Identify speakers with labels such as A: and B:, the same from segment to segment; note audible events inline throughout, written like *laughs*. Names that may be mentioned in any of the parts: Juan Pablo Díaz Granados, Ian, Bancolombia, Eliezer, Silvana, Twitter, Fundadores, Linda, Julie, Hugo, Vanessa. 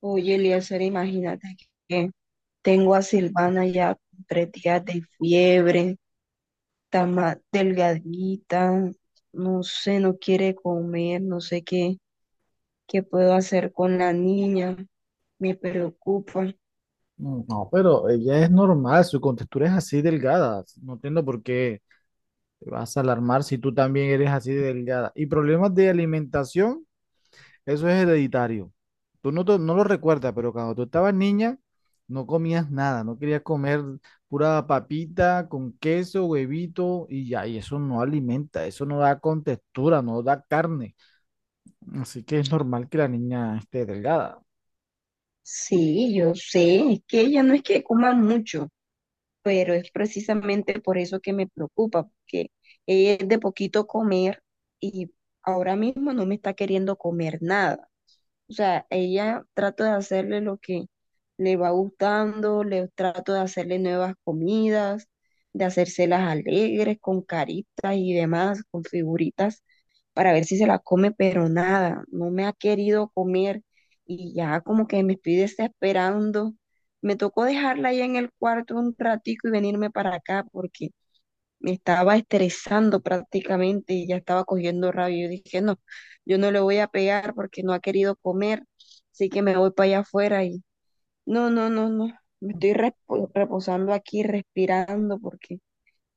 A: Oye, Eliezer, imagínate que tengo a Silvana ya con 3 días de fiebre, está más delgadita, no sé, no quiere comer, no sé qué, qué puedo hacer con la niña, me preocupa.
B: Mm, no, pero ella es normal, su contextura es así delgada. No entiendo por qué te vas a alarmar si tú también eres así de delgada. Y problemas de alimentación, eso es hereditario. Tú no, no lo recuerdas, pero cuando tú estabas niña, no comías nada, no querías comer pura papita con queso, huevito y ya, y eso no alimenta, eso no da contextura, no da carne. Así que es normal que la niña esté delgada.
A: Sí, yo sé, es que ella no es que coma mucho, pero es precisamente por eso que me preocupa, porque ella es de poquito comer y ahora mismo no me está queriendo comer nada. O sea, ella trato de hacerle lo que le va gustando, le trato de hacerle nuevas comidas, de hacérselas alegres, con caritas y demás, con figuritas, para ver si se la come, pero nada, no me ha querido comer y ya como que me estoy desesperando. Me tocó dejarla ahí en el cuarto un ratico y venirme para acá porque me estaba estresando prácticamente y ya estaba cogiendo rabia. Yo dije, no, yo no le voy a pegar porque no ha querido comer, así que me voy para allá afuera y no, no, no, no, me estoy reposando aquí, respirando porque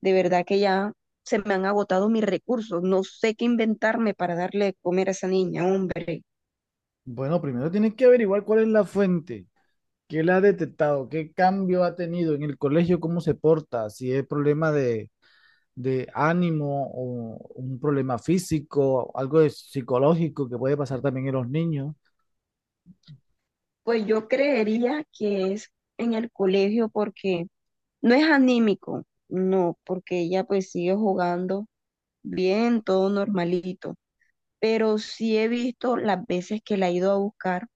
A: de verdad que ya se me han agotado mis recursos, no sé qué inventarme para darle de comer a esa niña, hombre.
B: Bueno, primero tienes que averiguar cuál es la fuente. ¿Qué le ha detectado? ¿Qué cambio ha tenido en el colegio? ¿Cómo se porta? Si es problema de ánimo o un problema físico, algo de psicológico que puede pasar también en los niños.
A: Pues yo creería que es en el colegio porque no es anímico, no, porque ella pues sigue jugando bien, todo normalito. Pero sí he visto las veces que la he ido a buscar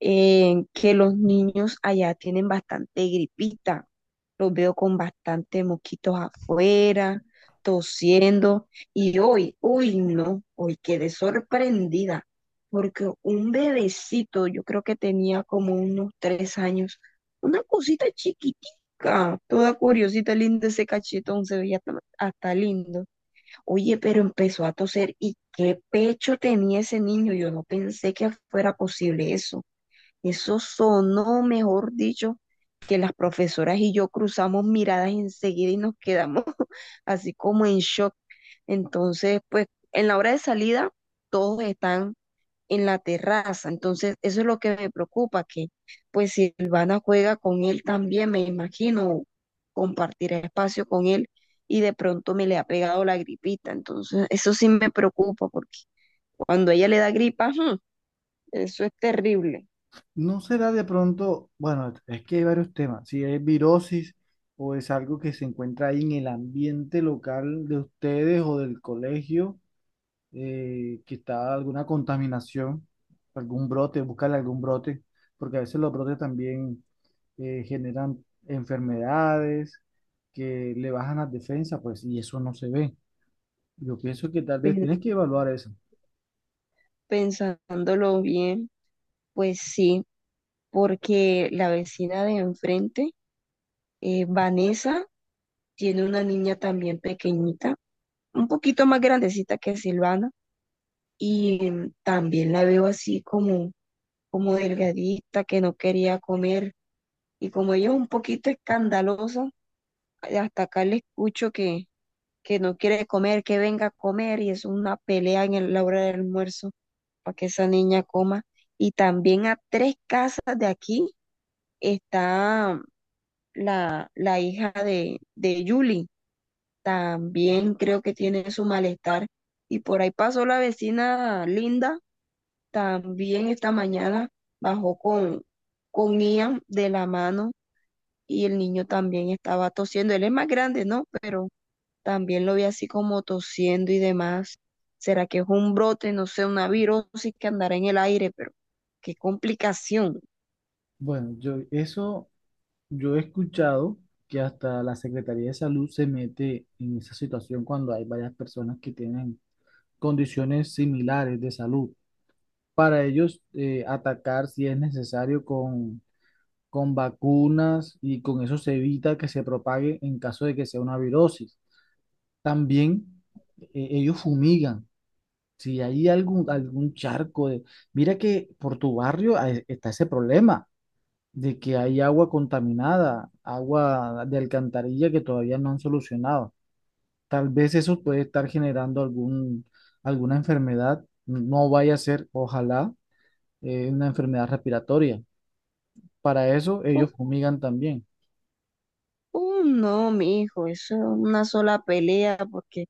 A: que los niños allá tienen bastante gripita. Los veo con bastante mosquitos afuera, tosiendo. Y hoy, hoy no, hoy quedé sorprendida porque un bebecito, yo creo que tenía como unos 3 años, una cosita chiquitica, toda curiosita, linda ese cachetón, se veía hasta lindo. Oye, pero empezó a toser y qué pecho tenía ese niño. Yo no pensé que fuera posible eso. Eso sonó, mejor dicho, que las profesoras y yo cruzamos miradas enseguida y nos quedamos *laughs* así como en shock. Entonces, pues en la hora de salida, todos están en la terraza. Entonces, eso es lo que me preocupa, que pues si Silvana juega con él también, me imagino, compartir espacio con él y de pronto me le ha pegado la gripita. Entonces, eso sí me preocupa porque cuando ella le da gripa, ¡ujú! Eso es terrible.
B: ¿No será de pronto, bueno, es que hay varios temas, si es virosis o es algo que se encuentra ahí en el ambiente local de ustedes o del colegio, que está alguna contaminación, algún brote, buscarle algún brote, porque a veces los brotes también generan enfermedades que le bajan las defensas, pues, y eso no se ve? Yo pienso que tal vez
A: Pen-
B: tienes que evaluar eso.
A: Pensándolo bien, pues sí, porque la vecina de enfrente, Vanessa, tiene una niña también pequeñita, un poquito más grandecita que Silvana y también la veo así como, como delgadita, que no quería comer. Y como ella es un poquito escandalosa, hasta acá le escucho que no quiere comer, que venga a comer, y es una pelea en la hora del almuerzo para que esa niña coma. Y también a tres casas de aquí está la hija de Julie. También creo que tiene su malestar. Y por ahí pasó la vecina Linda. También esta mañana bajó con Ian de la mano y el niño también estaba tosiendo. Él es más grande, ¿no? Pero también lo vi así como tosiendo y demás. ¿Será que es un brote, no sé, una virosis que andará en el aire? Pero qué complicación.
B: Bueno, yo eso, yo he escuchado que hasta la Secretaría de Salud se mete en esa situación cuando hay varias personas que tienen condiciones similares de salud. Para ellos atacar si es necesario con vacunas, y con eso se evita que se propague en caso de que sea una virosis. También ellos fumigan. Si hay algún charco de... Mira que por tu barrio está ese problema de que hay agua contaminada, agua de alcantarilla que todavía no han solucionado. Tal vez eso puede estar generando alguna enfermedad. No vaya a ser, ojalá, una enfermedad respiratoria. Para eso ellos
A: Uh,
B: fumigan también.
A: no, mi hijo, eso es una sola pelea porque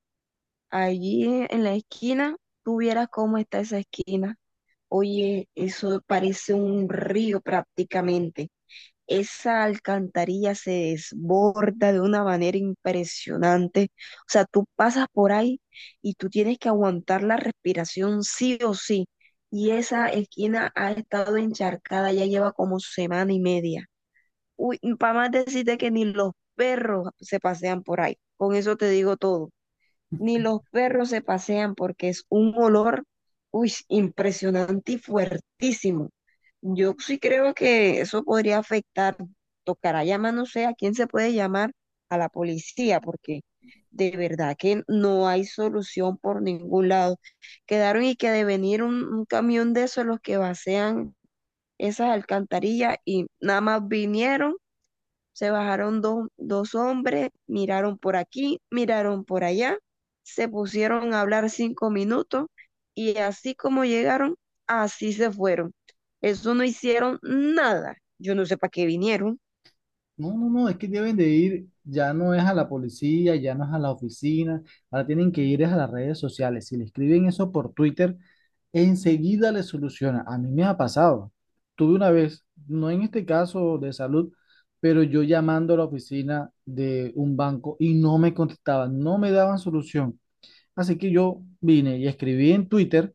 A: allí en la esquina, tú vieras cómo está esa esquina. Oye, eso parece un río prácticamente. Esa alcantarilla se desborda de una manera impresionante. O sea, tú pasas por ahí y tú tienes que aguantar la respiración sí o sí. Y esa esquina ha estado encharcada, ya lleva como semana y media. Uy, para más decirte que ni los perros se pasean por ahí. Con eso te digo todo, ni los perros se pasean porque es un olor, uy, impresionante y fuertísimo. Yo sí creo que eso podría afectar. Tocará llamar, no sé a quién se puede llamar, a la policía, porque de verdad que no hay solución por ningún lado. Quedaron y que de venir un camión de esos los que vacían esas alcantarillas y nada más vinieron, se bajaron dos hombres, miraron por aquí, miraron por allá, se pusieron a hablar 5 minutos y así como llegaron, así se fueron. Eso no hicieron nada. Yo no sé para qué vinieron.
B: No, no, no, es que deben de ir, ya no es a la policía, ya no es a la oficina, ahora tienen que ir es a las redes sociales. Si le escriben eso por Twitter, enseguida le soluciona. A mí me ha pasado. Tuve una vez, no en este caso de salud, pero yo llamando a la oficina de un banco y no me contestaban, no me daban solución. Así que yo vine y escribí en Twitter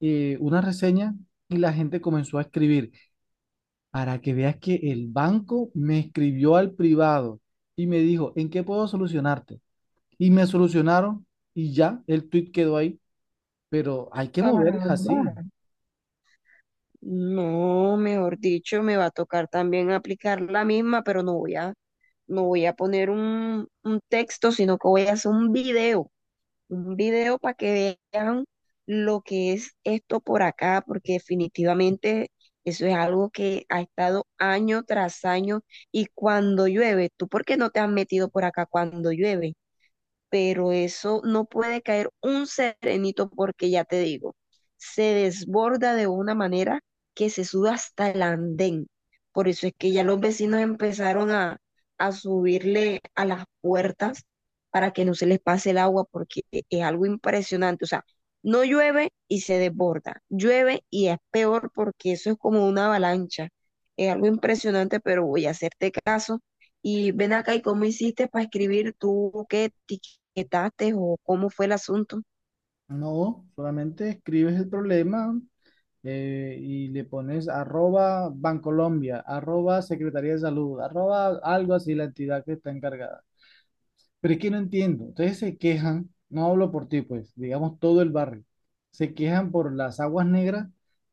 B: una reseña, y la gente comenzó a escribir. Para que veas que el banco me escribió al privado y me dijo, ¿en qué puedo solucionarte? Y me solucionaron y ya, el tweet quedó ahí. Pero hay que moverles
A: Caramba.
B: así.
A: No, mejor dicho, me va a tocar también aplicar la misma, pero no voy a, no voy a poner un texto, sino que voy a hacer un video. Un video para que vean lo que es esto por acá, porque definitivamente eso es algo que ha estado año tras año y cuando llueve, ¿tú por qué no te has metido por acá cuando llueve? Pero eso no puede caer un serenito porque ya te digo, se desborda de una manera que se sube hasta el andén. Por eso es que ya los vecinos empezaron a subirle a las puertas para que no se les pase el agua porque es algo impresionante. O sea, no llueve y se desborda, llueve y es peor porque eso es como una avalancha. Es algo impresionante, pero voy a hacerte caso. Y ven acá, ¿y cómo hiciste para escribir tú qué etates o cómo fue el asunto?
B: No, solamente escribes el problema y le pones arroba Bancolombia, arroba Secretaría de Salud, arroba algo así la entidad que está encargada. Pero es que no entiendo. Ustedes se quejan, no hablo por ti, pues, digamos todo el barrio, se quejan por las aguas negras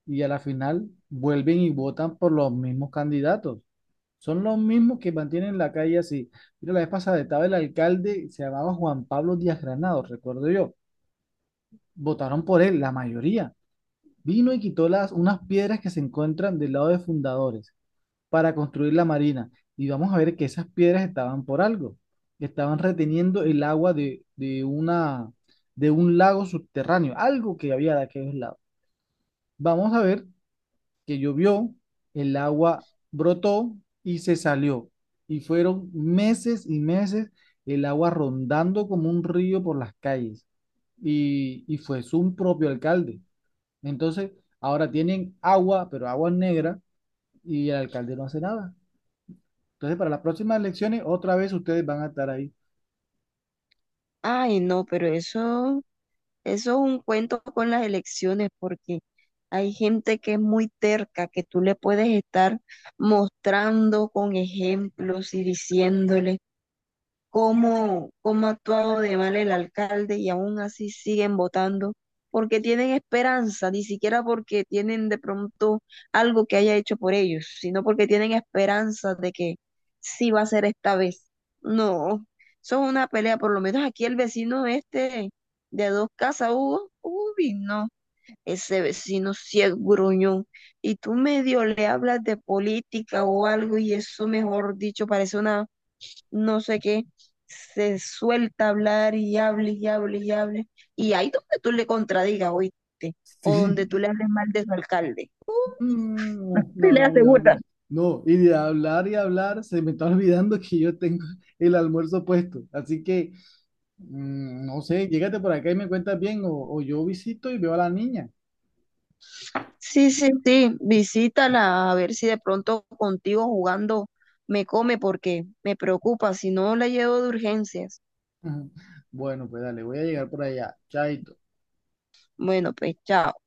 B: y a la final vuelven y votan por los mismos candidatos. Son los mismos que mantienen la calle así. Mira, la vez pasada estaba el alcalde, se llamaba Juan Pablo Díaz Granados, recuerdo yo. Votaron por él, la mayoría. Vino y quitó las, unas piedras que se encuentran del lado de Fundadores para construir la marina. Y vamos a ver que esas piedras estaban por algo, estaban reteniendo el agua de una, de un lago subterráneo, algo que había de aquellos lados. Vamos a ver que llovió, el agua brotó y se salió. Y fueron meses y meses el agua rondando como un río por las calles. Y fue su propio alcalde. Entonces, ahora tienen agua, pero agua negra, y el alcalde no hace nada. Entonces, para las próximas elecciones, otra vez ustedes van a estar ahí.
A: Ay, no, pero eso es un cuento con las elecciones, porque hay gente que es muy terca, que tú le puedes estar mostrando con ejemplos y diciéndole cómo ha actuado de mal el alcalde y aún así siguen votando porque tienen esperanza, ni siquiera porque tienen de pronto algo que haya hecho por ellos, sino porque tienen esperanza de que sí va a ser esta vez. No, son una pelea, por lo menos aquí el vecino este de dos casas, Hugo, uy, no, ese vecino sí es gruñón. Y tú medio le hablas de política o algo y eso, mejor dicho, parece una no sé qué, se suelta a hablar y hable y hable y hable. Y ahí donde tú le contradigas, oíste, o donde
B: Sí.
A: tú le
B: *laughs*
A: hables mal de su alcalde.
B: Mm,
A: *laughs* Te
B: no,
A: le
B: no, no.
A: aseguran.
B: No, y de hablar y hablar, se me está olvidando que yo tengo el almuerzo puesto. Así que, mm, no sé, llégate por acá y me cuentas bien, o yo visito y veo a la niña.
A: Sí, sí, sí, visítala a ver si de pronto contigo jugando me come porque me preocupa, si no la llevo de urgencias.
B: *laughs* Bueno, pues dale, voy a llegar por allá. Chaito.
A: Bueno, pues chao.